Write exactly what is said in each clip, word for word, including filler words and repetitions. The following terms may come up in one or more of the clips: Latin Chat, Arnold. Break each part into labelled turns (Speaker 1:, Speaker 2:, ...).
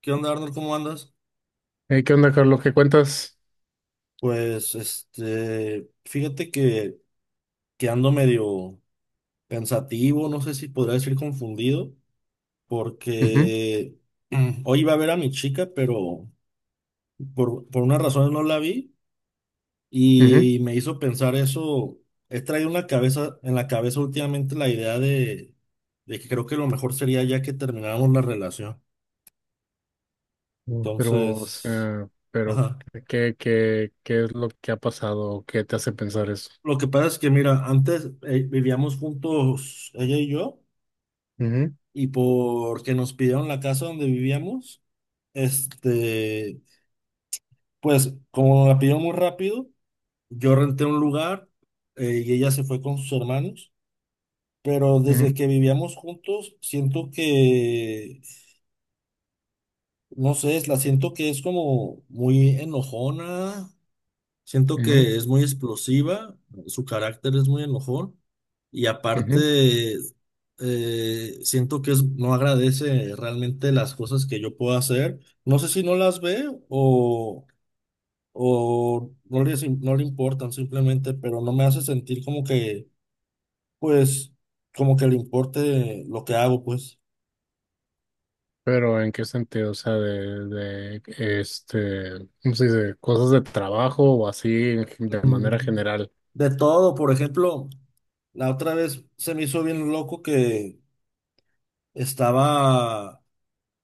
Speaker 1: ¿Qué onda, Arnold? ¿Cómo andas?
Speaker 2: Eh, ¿qué onda, Carlos? ¿Qué cuentas?
Speaker 1: Pues, este, fíjate que, que ando medio pensativo. No sé si podría decir confundido,
Speaker 2: Ujú,
Speaker 1: porque mm, hoy iba a ver a mi chica, pero por, por unas razones no la vi
Speaker 2: ujú.
Speaker 1: y me hizo pensar eso. He traído en la cabeza, en la cabeza últimamente la idea de, de que creo que lo mejor sería ya que termináramos la relación.
Speaker 2: Mm, Pero, o
Speaker 1: Entonces,
Speaker 2: sea, pero
Speaker 1: ajá.
Speaker 2: ¿qué, qué, qué es lo que ha pasado? ¿Qué te hace pensar eso?
Speaker 1: Lo que pasa es que, mira, antes eh, vivíamos juntos, ella y yo.
Speaker 2: Ujú,
Speaker 1: Y porque nos pidieron la casa donde vivíamos, este, pues como la pidieron muy rápido, yo renté un lugar, eh, y ella se fue con sus hermanos, pero
Speaker 2: ujú,
Speaker 1: desde que vivíamos juntos, siento que, no sé, la siento que es como muy enojona. Siento que es muy explosiva, su carácter es muy enojón. Y
Speaker 2: ujú, ujú.
Speaker 1: aparte eh, siento que es, no agradece realmente las cosas que yo puedo hacer. No sé si no las ve o, o no le, no le importan simplemente, pero no me hace sentir como que, pues, como que le importe lo que hago, pues.
Speaker 2: Pero ¿en qué sentido? O sea, de, de este, ¿cómo se dice? Cosas de trabajo o así en gen- de
Speaker 1: Mm,
Speaker 2: manera general.
Speaker 1: de todo. Por ejemplo, la otra vez se me hizo bien loco que estaba...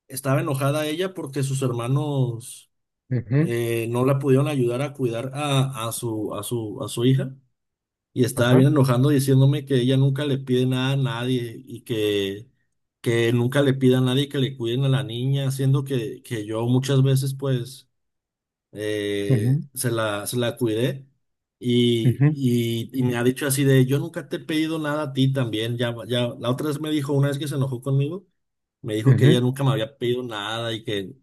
Speaker 1: estaba enojada ella porque sus hermanos
Speaker 2: Ujú,
Speaker 1: eh, no la pudieron ayudar a cuidar a, a su, a su, a su hija. Y estaba bien
Speaker 2: ajá,
Speaker 1: enojando diciéndome que ella nunca le pide nada a nadie y que, que nunca le pida a nadie que le cuiden a la niña, siendo que, que yo muchas veces pues eh,
Speaker 2: ujú,
Speaker 1: se la, se la cuidé y,
Speaker 2: ujú,
Speaker 1: y- y me ha dicho así de, yo nunca te he pedido nada a ti también, ya, ya, la otra vez me dijo, una vez que se enojó conmigo, me dijo que ella
Speaker 2: ujú.
Speaker 1: nunca me había pedido nada y que,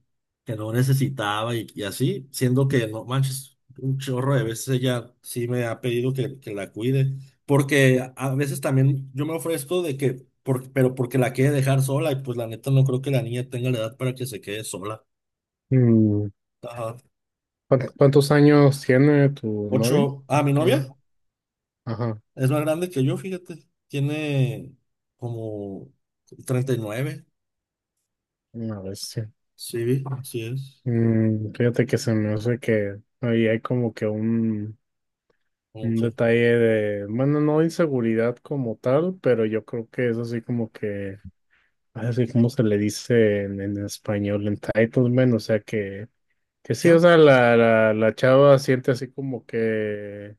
Speaker 1: que no necesitaba y, y así, siendo que no manches, un chorro de veces ella sí me ha pedido que, que la cuide, porque a a veces también yo me ofrezco de que, por- pero porque la quiere dejar sola y pues la neta no creo que la niña tenga la edad para que se quede sola.
Speaker 2: Mm,
Speaker 1: Ajá.
Speaker 2: ¿cuán- Cuántos años tiene tu novio?
Speaker 1: Ocho, ah, mi novia.
Speaker 2: Ujú, ajá,
Speaker 1: Es más grande que yo, fíjate. Tiene como treinta y nueve.
Speaker 2: una vez.
Speaker 1: Sí, vi, así es.
Speaker 2: Mm, fíjate que se me hace que ahí hay como que un,
Speaker 1: Como
Speaker 2: un
Speaker 1: que...
Speaker 2: detalle de, bueno, no inseguridad como tal, pero yo creo que es así como que, así como se le dice en, en español, entitlement, o sea que, que sí, o
Speaker 1: ¿Qué?
Speaker 2: sea, la, la, la chava siente así como que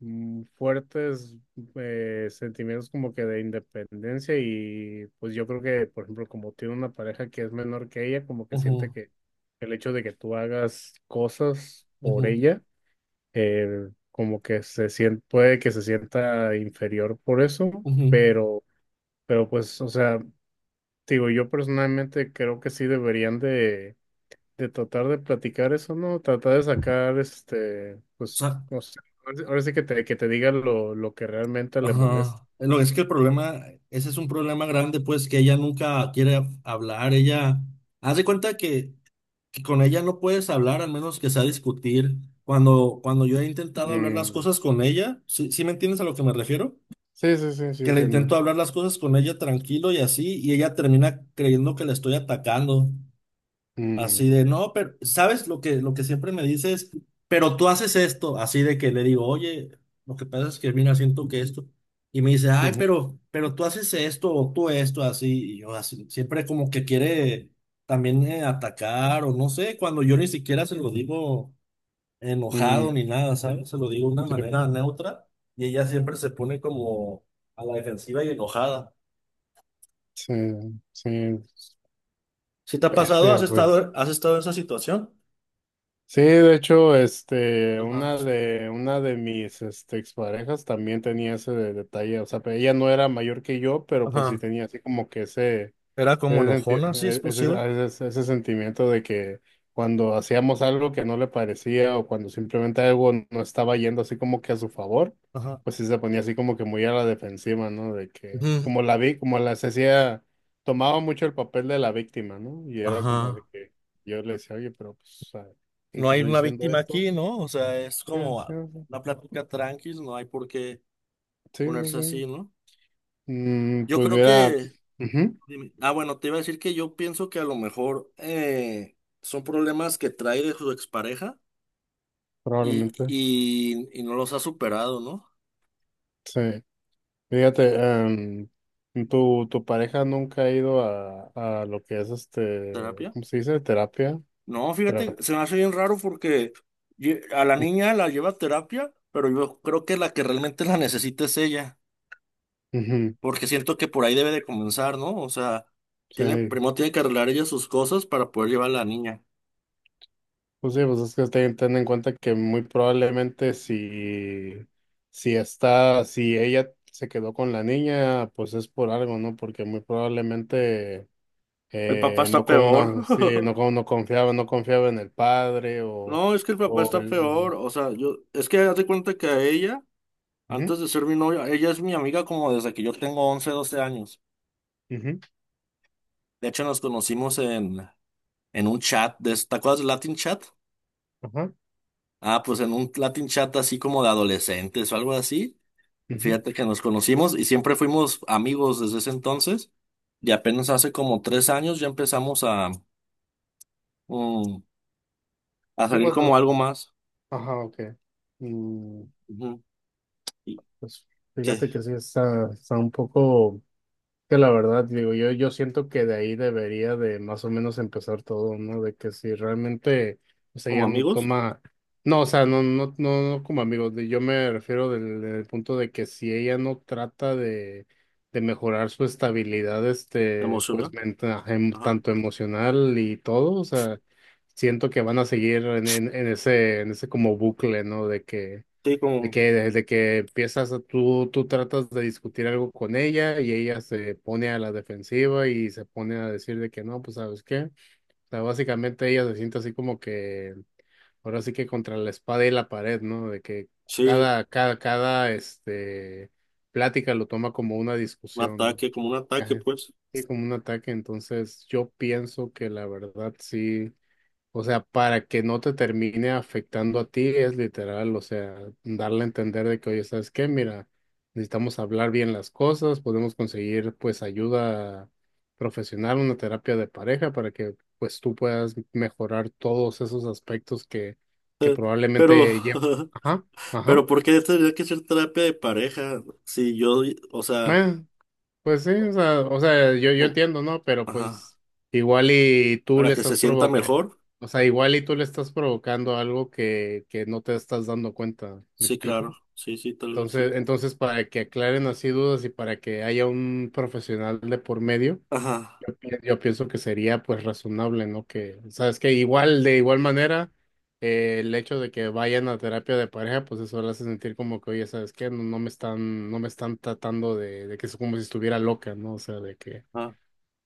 Speaker 2: mm, fuertes eh, sentimientos como que de independencia y pues yo creo que, por ejemplo, como tiene una pareja que es menor que ella, como que siente
Speaker 1: Ujú,
Speaker 2: que el hecho de que tú hagas cosas por
Speaker 1: ujú,
Speaker 2: ella, eh, como que se siente, puede que se sienta inferior por eso,
Speaker 1: ujú.
Speaker 2: pero, pero pues, o sea, digo, yo personalmente creo que sí deberían de de tratar de platicar eso, ¿no? Tratar de sacar, este,
Speaker 1: O
Speaker 2: pues,
Speaker 1: sea,
Speaker 2: no sé, ahora sí ahora sí que te, que te diga lo, lo que realmente le molesta.
Speaker 1: ajá. Lo es que el problema, ese es un problema grande, pues, que ella nunca quiere hablar. Ella, haz de cuenta que, que con ella no puedes hablar, al menos que sea discutir. Cuando, cuando yo he intentado hablar las
Speaker 2: Mm,
Speaker 1: cosas con ella, ¿sí, sí me entiendes a lo que me refiero?
Speaker 2: sí, sí, sí, sí,
Speaker 1: Que le
Speaker 2: entiendo.
Speaker 1: intento hablar las cosas con ella tranquilo y así, y ella termina creyendo que le estoy atacando.
Speaker 2: Mm,
Speaker 1: Así de, no, pero, ¿sabes lo que, lo que siempre me dices? Pero tú haces esto, así de que le digo, oye, lo que pasa es que mira, siento que esto. Y me dice, ay,
Speaker 2: ujú,
Speaker 1: pero, pero tú haces esto o tú esto, así, y yo así, siempre como que quiere también eh, atacar o no sé, cuando yo ni siquiera se lo digo enojado
Speaker 2: mm,
Speaker 1: ni nada, ¿sabes? Se lo digo de una
Speaker 2: sí,
Speaker 1: manera neutra y ella siempre se pone como a la defensiva y enojada.
Speaker 2: sí, sí,
Speaker 1: ¿Si te ha pasado? ¿Has
Speaker 2: bestia, pues.
Speaker 1: estado, Has estado en esa situación?
Speaker 2: Sí, de hecho, este,
Speaker 1: Ajá.
Speaker 2: una de, una de mis, este, exparejas también tenía ese de- detalle, o sea, pero ella no era mayor que yo, pero pues sí
Speaker 1: Ajá.
Speaker 2: tenía así como que ese
Speaker 1: Era como
Speaker 2: Ese, senti-
Speaker 1: enojona, así,
Speaker 2: e- ese-
Speaker 1: explosiva.
Speaker 2: ese- ese sentimiento de que cuando hacíamos algo que no le parecía o cuando simplemente algo no estaba yendo así como que a su favor,
Speaker 1: Ajá.
Speaker 2: pues sí se ponía así como que muy a la defensiva, ¿no? De que
Speaker 1: Ujú.
Speaker 2: como la vi, como la se hacía, tomaba mucho el papel de la víctima, ¿no? Y era como de
Speaker 1: Ajá.
Speaker 2: que yo le decía, oye, pero pues, o sea, si
Speaker 1: No
Speaker 2: te
Speaker 1: hay
Speaker 2: estoy
Speaker 1: una
Speaker 2: diciendo
Speaker 1: víctima
Speaker 2: esto.
Speaker 1: aquí, ¿no? O sea, es
Speaker 2: Sí,
Speaker 1: como
Speaker 2: sí, sí,
Speaker 1: una plática tranquila, no hay por qué
Speaker 2: sí, sí,
Speaker 1: ponerse
Speaker 2: sí.
Speaker 1: así, ¿no?
Speaker 2: Mm,
Speaker 1: Yo
Speaker 2: pues
Speaker 1: creo
Speaker 2: mira,
Speaker 1: que,
Speaker 2: ujú,
Speaker 1: dime. Ah, bueno, te iba a decir que yo pienso que a lo mejor eh, son problemas que trae de su expareja. Y,
Speaker 2: probablemente.
Speaker 1: y, y no los ha superado, ¿no?
Speaker 2: Sí. Fíjate, em, tu, tu pareja nunca ha ido a, a, lo que es este,
Speaker 1: ¿Terapia?
Speaker 2: ¿cómo se dice? Terapia.
Speaker 1: No, fíjate,
Speaker 2: Terapia.
Speaker 1: se me hace bien raro porque ye- a la niña la lleva a terapia, pero yo creo que la que realmente la necesita es ella,
Speaker 2: Ujú,
Speaker 1: porque siento que por ahí debe de comenzar, ¿no? O sea, tiene,
Speaker 2: sí,
Speaker 1: primero tiene que arreglar ella sus cosas para poder llevar a la niña.
Speaker 2: pues sí, pues es que ten, ten en cuenta que muy probablemente si, si está, si ella se quedó con la niña, pues es por algo, ¿no? Porque muy probablemente
Speaker 1: El papá
Speaker 2: eh,
Speaker 1: está
Speaker 2: no, con-
Speaker 1: peor.
Speaker 2: no, sí, no, con- no confiaba, no confiaba en el padre o,
Speaker 1: No, es que el papá
Speaker 2: o
Speaker 1: está
Speaker 2: el...
Speaker 1: peor.
Speaker 2: Ujú,
Speaker 1: O sea, yo, es que date cuenta que a ella, antes de ser mi novia, ella es mi amiga como desde que yo tengo once doce años.
Speaker 2: ujú,
Speaker 1: De hecho, nos conocimos en, en un chat de, ¿te acuerdas del Latin Chat?
Speaker 2: ajá,
Speaker 1: Ah, pues en un Latin Chat así como de adolescentes o algo así.
Speaker 2: ujú.
Speaker 1: Fíjate que nos conocimos y siempre fuimos amigos desde ese entonces. Y apenas hace como tres años ya empezamos a, mm, a
Speaker 2: Sí,
Speaker 1: salir
Speaker 2: pues,
Speaker 1: como algo más.
Speaker 2: ajá, ok. Mm,
Speaker 1: Ujú. ¿Y
Speaker 2: pues
Speaker 1: qué?
Speaker 2: fíjate que sí está, está un poco, que la verdad, digo, yo, yo siento que de ahí debería de más o menos empezar todo, ¿no? De que si realmente, o sea,
Speaker 1: ¿Como
Speaker 2: ya no
Speaker 1: amigos?
Speaker 2: toma, no, o sea, no, no, no, no como amigos, de- yo me refiero del, del punto de que si ella no trata de, de mejorar su estabilidad, este,
Speaker 1: ¿Emocional?
Speaker 2: pues, mental,
Speaker 1: Ajá.
Speaker 2: tanto emocional y todo, o sea, siento que van a seguir en, en, en ese, en ese como bucle, ¿no? De que
Speaker 1: Sí,
Speaker 2: de
Speaker 1: como,
Speaker 2: que desde que empiezas, a- tú, tú tratas de discutir algo con ella y ella se pone a la defensiva y se pone a decir de que no, pues ¿sabes qué? O sea, básicamente ella se siente así como que, ahora sí que contra la espada y la pared, ¿no? De que
Speaker 1: sí,
Speaker 2: cada, cada, cada, este, plática lo toma como una
Speaker 1: un
Speaker 2: discusión, ¿no?
Speaker 1: ataque, como un ataque,
Speaker 2: Ajá.
Speaker 1: pues.
Speaker 2: Y como un ataque, entonces yo pienso que la verdad sí. O sea, para que no te termine afectando a ti, es literal, o sea, darle a entender de que, oye, ¿sabes qué? Mira, necesitamos hablar bien las cosas, podemos conseguir pues ayuda profesional, una terapia de pareja para que pues tú puedas mejorar todos esos aspectos que, que,
Speaker 1: Pero,
Speaker 2: probablemente ya... Ajá, ajá.
Speaker 1: pero ¿por qué tendría que ser terapia de pareja? Si yo, o sea,
Speaker 2: Eh, Pues sí, o sea, o sea, yo, yo
Speaker 1: no,
Speaker 2: entiendo, ¿no? Pero
Speaker 1: ajá,
Speaker 2: pues igual y tú
Speaker 1: para
Speaker 2: le
Speaker 1: que se
Speaker 2: estás
Speaker 1: sienta
Speaker 2: provocando,
Speaker 1: mejor.
Speaker 2: o sea, igual y tú le estás provocando algo que, que no te estás dando cuenta, ¿me
Speaker 1: Sí, claro.
Speaker 2: explico?
Speaker 1: Sí, sí, tal vez
Speaker 2: Entonces,
Speaker 1: sí.
Speaker 2: entonces para que aclaren así dudas y para que haya un profesional de por medio,
Speaker 1: Ajá,
Speaker 2: yo pienso que sería pues razonable, ¿no? Que, sabes que igual, de igual manera, eh, el hecho de que vayan a terapia de pareja, pues eso le hace sentir como que, oye, ¿sabes qué? No, no me están, no me están tratando de, de que es como si estuviera loca, ¿no? O sea, de que
Speaker 1: ajá.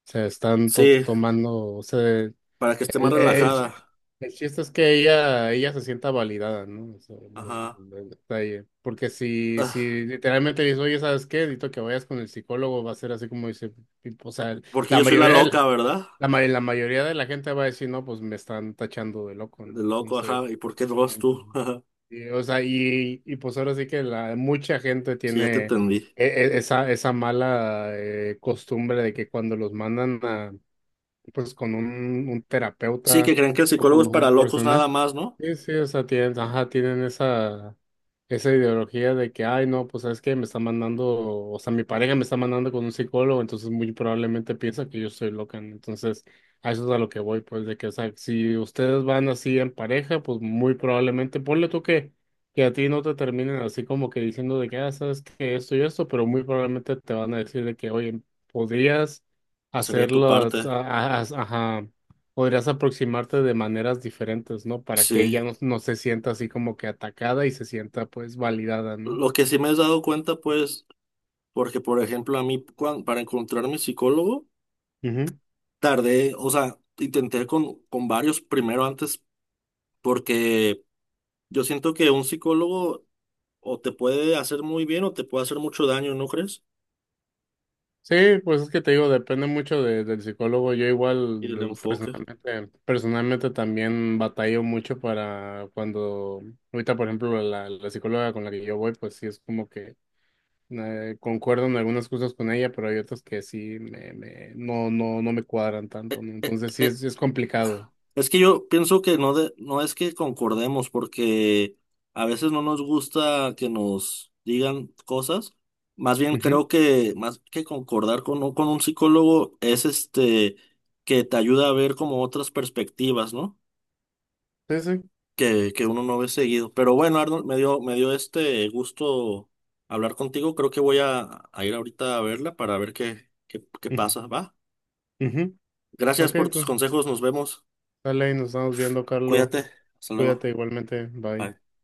Speaker 2: se están to-
Speaker 1: Sí,
Speaker 2: tomando, o sea, el,
Speaker 1: para que esté más
Speaker 2: el,
Speaker 1: relajada.
Speaker 2: el chiste es que ella, ella se sienta validada, ¿no? O sea, lo-
Speaker 1: Ajá.
Speaker 2: lo- el detalle. Porque si,
Speaker 1: Ah,
Speaker 2: si literalmente le dices, oye, ¿sabes qué? Dito que vayas con el psicólogo, va a ser así como dice, tipo, o sea,
Speaker 1: porque
Speaker 2: la
Speaker 1: yo soy la
Speaker 2: mayoría de
Speaker 1: loca,
Speaker 2: la-
Speaker 1: ¿verdad?
Speaker 2: la, ma- la mayoría de la gente va a decir, no, pues me están tachando de loco, ¿no?
Speaker 1: El loco,
Speaker 2: Entonces,
Speaker 1: ajá. ¿Y por qué no vas tú?
Speaker 2: entonces,
Speaker 1: Ajá.
Speaker 2: y, o sea, y, y pues ahora sí que la, mucha gente
Speaker 1: Sí, ya te
Speaker 2: tiene
Speaker 1: entendí.
Speaker 2: e- e- esa, esa mala eh, costumbre de que cuando los mandan a, pues con un, un
Speaker 1: Sí, que
Speaker 2: terapeuta
Speaker 1: creen que el
Speaker 2: o
Speaker 1: psicólogo
Speaker 2: con
Speaker 1: es para
Speaker 2: un
Speaker 1: locos nada
Speaker 2: profesional.
Speaker 1: más, ¿no?
Speaker 2: Sí, sí, o sea, tienen, ajá, tienen esa, esa ideología de que, ay, no, pues sabes que me está mandando, o sea, mi pareja me está mandando con un psicólogo, entonces muy probablemente piensa que yo soy loca, ¿no? Entonces, a eso es a lo que voy, pues, de que, o sea, si ustedes van así en pareja, pues muy probablemente, ponle tú que, que, a ti no te terminen así como que diciendo de que, ah, sabes que esto y esto, pero muy probablemente te van a decir de que, oye, podrías
Speaker 1: Hacer de tu
Speaker 2: hacerlo, a-
Speaker 1: parte.
Speaker 2: a- ajá, podrías aproximarte de maneras diferentes, ¿no? Para que ella
Speaker 1: Sí.
Speaker 2: no, no se sienta así como que atacada y se sienta pues validada, ¿no?
Speaker 1: Lo que sí me has dado cuenta, pues, porque, por ejemplo, a mí, cuan- para encontrar mi psicólogo,
Speaker 2: Ujú.
Speaker 1: tardé, o sea, intenté con, con varios primero antes, porque yo siento que un psicólogo o te puede hacer muy bien o te puede hacer mucho daño, ¿no crees?
Speaker 2: Sí, pues es que te digo, depende mucho de- del psicólogo. Yo
Speaker 1: Y
Speaker 2: igual
Speaker 1: el
Speaker 2: del-
Speaker 1: enfoque.
Speaker 2: personalmente, personalmente también batallo mucho para cuando, ahorita por ejemplo, la, la psicóloga con la que yo voy, pues sí es como que eh, concuerdo en algunas cosas con ella, pero hay otras que sí me, me- no, no, no me cuadran tanto, ¿no? Entonces sí
Speaker 1: Eh,
Speaker 2: es, es complicado.
Speaker 1: Es que yo pienso que no, de, no es que concordemos, porque a veces no nos gusta que nos digan cosas. Más bien
Speaker 2: Ujú,
Speaker 1: creo que más que concordar con, un- con un psicólogo es este que te ayuda a ver como otras perspectivas, ¿no?
Speaker 2: sí, sí.
Speaker 1: Que, que uno no ve seguido. Pero bueno, Arnold, me dio, me dio este gusto hablar contigo. Creo que voy a, a ir ahorita a verla para ver qué, qué, qué
Speaker 2: Ujú,
Speaker 1: pasa, ¿va?
Speaker 2: ujú.
Speaker 1: Gracias
Speaker 2: Ok,
Speaker 1: por tus
Speaker 2: entonces,
Speaker 1: consejos, nos vemos.
Speaker 2: dale y nos estamos viendo, Carlos.
Speaker 1: Cuídate. Hasta
Speaker 2: Cuídate
Speaker 1: luego.
Speaker 2: igualmente. Bye.
Speaker 1: Bye.